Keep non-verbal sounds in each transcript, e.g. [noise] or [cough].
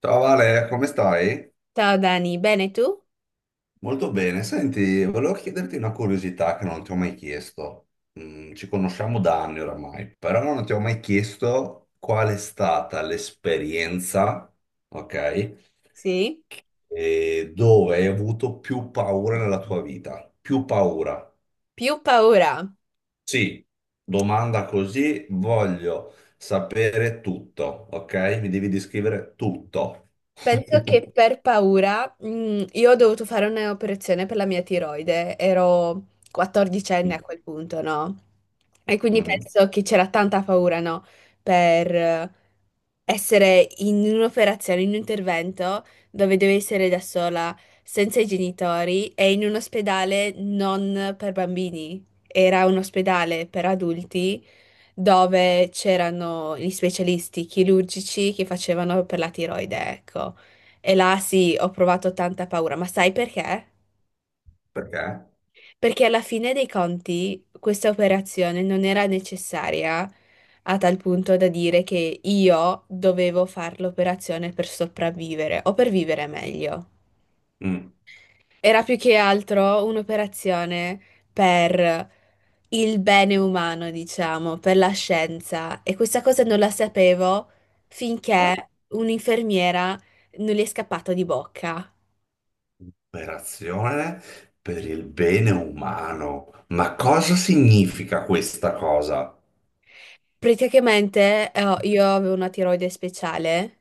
Ciao Vale, come stai? Ciao Dani, bene tu? Molto bene. Senti, volevo chiederti una curiosità che non ti ho mai chiesto. Ci conosciamo da anni oramai, però non ti ho mai chiesto qual è stata l'esperienza, ok? Sì? E dove hai avuto più paura nella tua vita? Più paura. Più paura. Sì, domanda così, voglio sapere tutto, ok? Mi devi descrivere tutto. Penso [laughs] che per paura, io ho dovuto fare un'operazione per la mia tiroide, ero 14enne a quel punto, no? E quindi Mhm. penso che c'era tanta paura, no? Per essere in un'operazione, in un intervento dove devi essere da sola, senza i genitori e in un ospedale non per bambini. Era un ospedale per adulti dove c'erano gli specialisti chirurgici che facevano per la tiroide, ecco. E là sì, ho provato tanta paura, ma sai perché? Perché? Perché alla fine dei conti questa operazione non era necessaria a tal punto da dire che io dovevo fare l'operazione per sopravvivere o per vivere meglio. Mm. Era più che altro un'operazione per il bene umano, diciamo, per la scienza. E questa cosa non la sapevo finché un'infermiera non gli è scappato di bocca. Operazione per il bene umano. Ma cosa significa questa cosa? Praticamente io avevo una tiroide speciale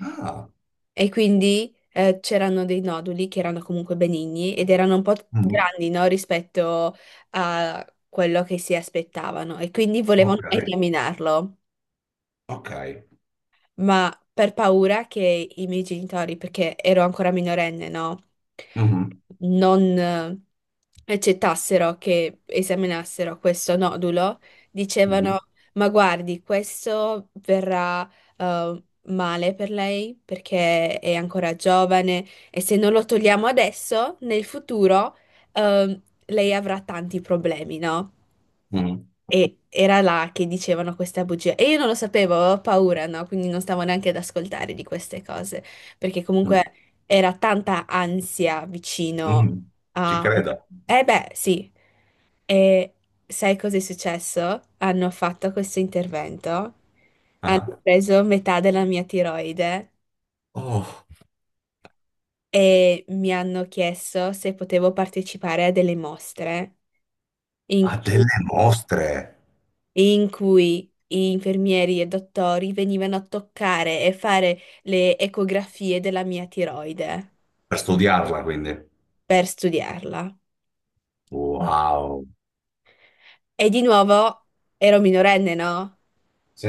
Ah, e quindi c'erano dei noduli che erano comunque benigni ed erano un po' mm, grandi, no, rispetto a quello che si aspettavano e quindi volevano ok, eliminarlo. ok. Ma per paura che i miei genitori, perché ero ancora minorenne, no? Mhm, Non accettassero che esaminassero questo nodulo, mhm, dicevano: "Ma guardi, questo verrà eh, male per lei perché è ancora giovane e se non lo togliamo adesso, nel futuro eh, lei avrà tanti problemi, no?" mhm, E era là che dicevano questa bugia. E io non lo sapevo, avevo paura, no? Quindi non stavo neanche ad ascoltare di queste cose, perché mhm, comunque era tanta ansia vicino mhm. Ci a... credo. Eh beh, sì. E sai cosa è successo? Hanno fatto questo intervento, hanno Ah. preso metà della mia tiroide Oh, e mi hanno chiesto se potevo partecipare a delle mostre ha delle mostre in cui infermieri e dottori venivano a toccare e fare le ecografie della mia tiroide per studiarla, quindi. per studiarla. Wow. E di nuovo ero minorenne, no? Sì.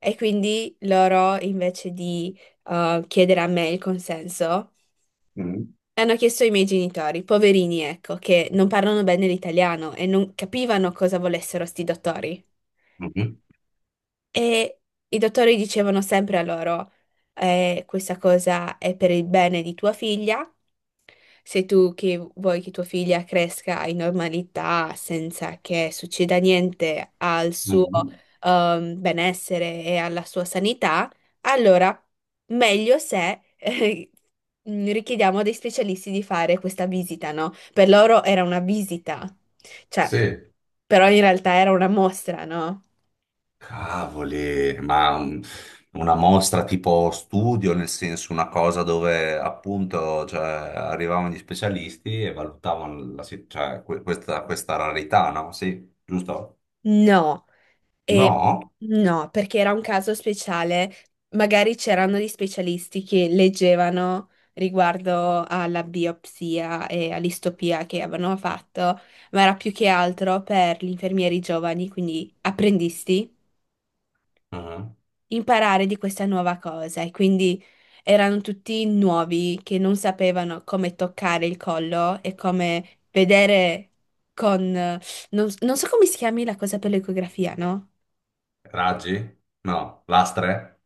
E quindi loro, invece di chiedere a me il consenso, Mhm, hanno chiesto ai miei genitori, poverini, ecco, che non parlano bene l'italiano e non capivano cosa volessero sti dottori. mhm, E i dottori dicevano sempre a loro, questa cosa è per il bene di tua figlia, se tu che vuoi che tua figlia cresca in normalità senza che succeda niente al suo mhm. Benessere e alla sua sanità, allora meglio se richiediamo a dei specialisti di fare questa visita, no? Per loro era una visita, cioè, Sì. però in realtà era una mostra, no? Cavoli, ma una mostra tipo studio, nel senso una cosa dove appunto cioè, arrivavano gli specialisti e valutavano cioè, questa, questa rarità, no? Sì, giusto? No. E No? no, perché era un caso speciale, magari c'erano gli specialisti che leggevano riguardo alla biopsia e all'istopia che avevano fatto, ma era più che altro per gli infermieri giovani, quindi apprendisti, Mhm. imparare di questa nuova cosa. E quindi erano tutti nuovi che non sapevano come toccare il collo e come vedere con... Non so come si chiami la cosa per l'ecografia, no? Raggi? No. Lastre?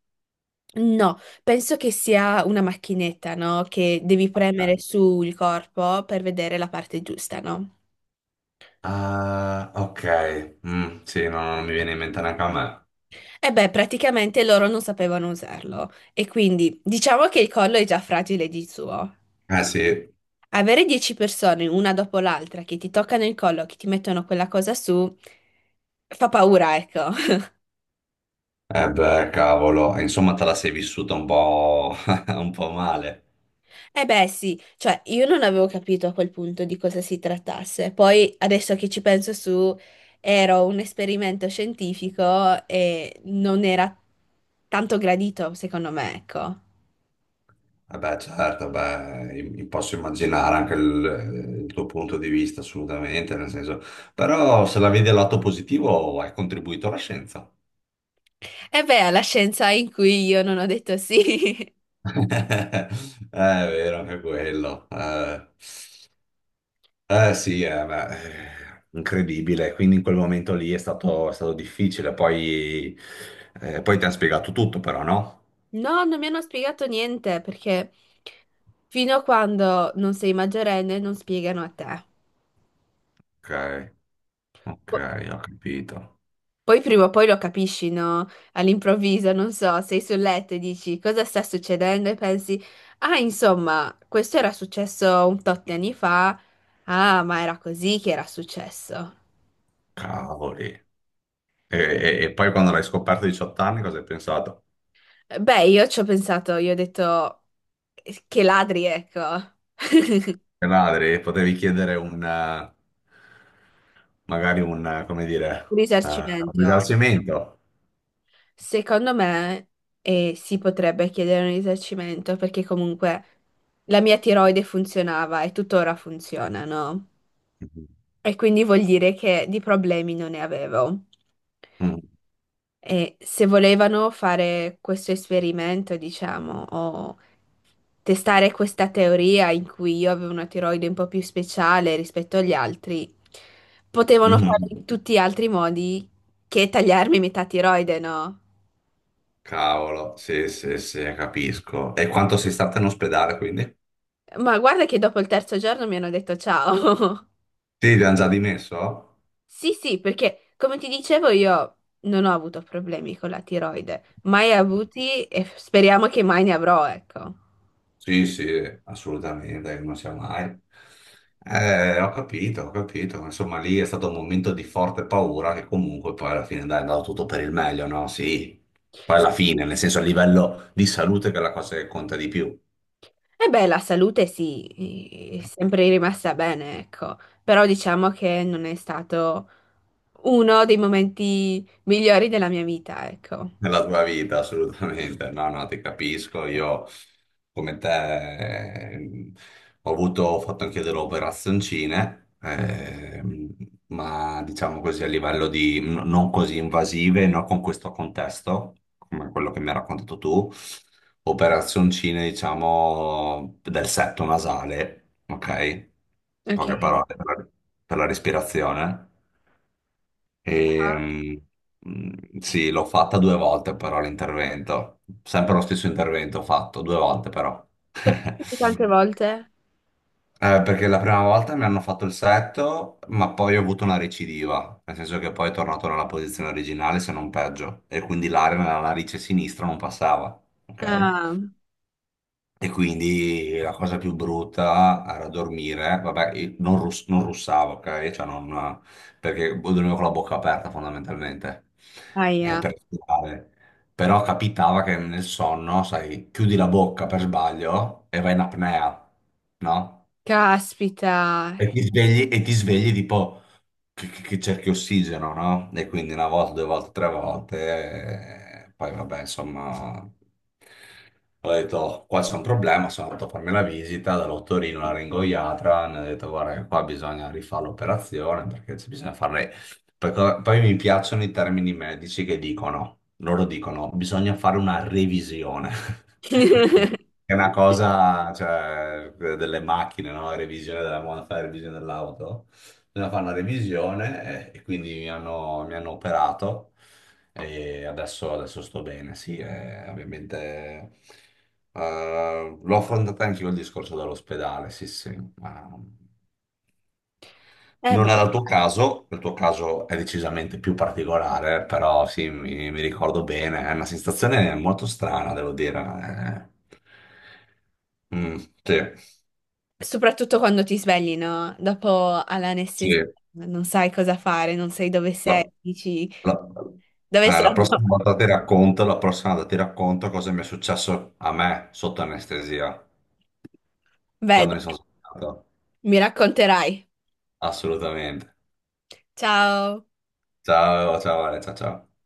No, penso che sia una macchinetta, no? Che devi premere Eh. sul corpo per vedere la parte giusta, no? Ah, ok. Sì, no, non mi viene in mente neanche a me. E beh, praticamente loro non sapevano usarlo e quindi diciamo che il collo è già fragile di suo. Eh sì, eh Avere 10 persone, una dopo l'altra, che ti toccano il collo, che ti mettono quella cosa su, fa paura, ecco. beh, cavolo, insomma te la sei vissuta un po', [laughs] un po' male. Eh beh sì, cioè io non avevo capito a quel punto di cosa si trattasse, poi adesso che ci penso su, era un esperimento scientifico e non era tanto gradito secondo me, ecco. Vabbè, certo, beh, posso immaginare anche il tuo punto di vista, assolutamente, nel senso, però se la vedi dal lato positivo hai contribuito alla scienza. E beh, alla scienza in cui io non ho detto sì. [laughs] È vero, anche quello. Sì, beh, incredibile, quindi in quel momento lì è stato difficile, poi, poi ti hanno spiegato tutto però, no? [laughs] No, non mi hanno spiegato niente perché fino a quando non sei maggiorenne non spiegano a te. Ok, ok, ho capito. Poi prima o poi lo capisci, no? All'improvviso, non so, sei sul letto e dici cosa sta succedendo e pensi, ah, insomma, questo era successo un tot di anni fa, ah, ma era così che era successo. Cavoli. E, e poi quando l'hai scoperto a 18 anni cosa hai pensato? Beh, io ci ho pensato, io ho detto: che ladri, ecco, un Le madri, potevi chiedere un, magari un, come dire, un risarcimento." risarcimento. Secondo me si potrebbe chiedere un risarcimento perché comunque la mia tiroide funzionava e tuttora funziona, no? Mhm. E quindi vuol dire che di problemi non ne avevo. Mm. E se volevano fare questo esperimento, diciamo, o testare questa teoria in cui io avevo una tiroide un po' più speciale rispetto agli altri, potevano fare Mhm. in tutti gli altri modi che tagliarmi metà tiroide, no? Cavolo, sì, sì, sì, capisco. E quanto sei stata in ospedale, quindi? Ma guarda che dopo il terzo giorno mi hanno detto ciao. [laughs] Sì, ti hanno già dimesso? Sì, sì, perché come ti dicevo io non ho avuto problemi con la tiroide, mai avuti e f- speriamo che mai ne avrò, ecco. Sì, sì, assolutamente, non sia mai. Ho capito, ho capito. Insomma, lì è stato un momento di forte paura che comunque poi alla fine dai, è andato tutto per il meglio, no? Sì, poi alla fine, nel senso a livello di salute che è la cosa che conta di più. E beh, la salute sì, è sempre rimasta bene, ecco, però diciamo che non è stato uno dei momenti migliori della mia vita, ecco. Nella tua vita, assolutamente. No, no, ti capisco. Io, come te, ho avuto, ho fatto anche delle operazioncine, ma diciamo così a livello di non così invasive, no, con questo contesto, come quello che mi hai raccontato tu. Operazioncine, diciamo, del setto nasale, ok? Ok. Poche parole per la respirazione. E, Ah, sì, l'ho fatta due volte però l'intervento, sempre lo stesso intervento ho fatto, due volte però. perché [laughs] tutte tante volte? Perché la prima volta mi hanno fatto il setto, ma poi ho avuto una recidiva, nel senso che poi è tornato nella posizione originale se non peggio, e quindi l'aria nella narice sinistra non passava, ok? Ah, E quindi la cosa più brutta era dormire, vabbè, io non, non russavo, ok? Cioè non, perché boh, dormivo con la bocca aperta fondamentalmente, aia, per respirare. Però capitava che nel sonno, sai, chiudi la bocca per sbaglio e vai in apnea, no? caspita. E ti svegli tipo che, che cerchi ossigeno, no? E quindi una volta, due volte, tre volte, poi vabbè, insomma, ho detto, "Oh, qua c'è un problema", sono andato a farmi la visita dall'ottorino, la ringoiatra, mi ha detto, guarda, che qua bisogna rifare l'operazione perché ci bisogna fare... Perché poi mi piacciono i termini medici che dicono, loro dicono, bisogna fare una revisione. [laughs] [laughs] È una cosa, cioè, delle macchine, no? Revisione della moda, fare la revisione dell'auto. Bisogna fare una revisione e, quindi mi hanno operato e adesso, adesso sto bene. Sì, ovviamente l'ho affrontata anche io il discorso dall'ospedale, sì, sì. Non boh. era il tuo caso è decisamente più particolare, però sì, mi ricordo bene, è una sensazione molto strana, devo dire. Eh. Sì, Soprattutto quando ti svegli, no? Dopo sì. all'anestesia non sai cosa fare, non sai dove La, sei, dici la- dove la siamo? prossima [laughs] volta ti racconto, la prossima volta ti racconto cosa mi è successo a me sotto anestesia, Beh, quando mi dai, sono svegliato. mi racconterai. Assolutamente. Ciao! Ciao, ciao, Ale, ciao, ciao.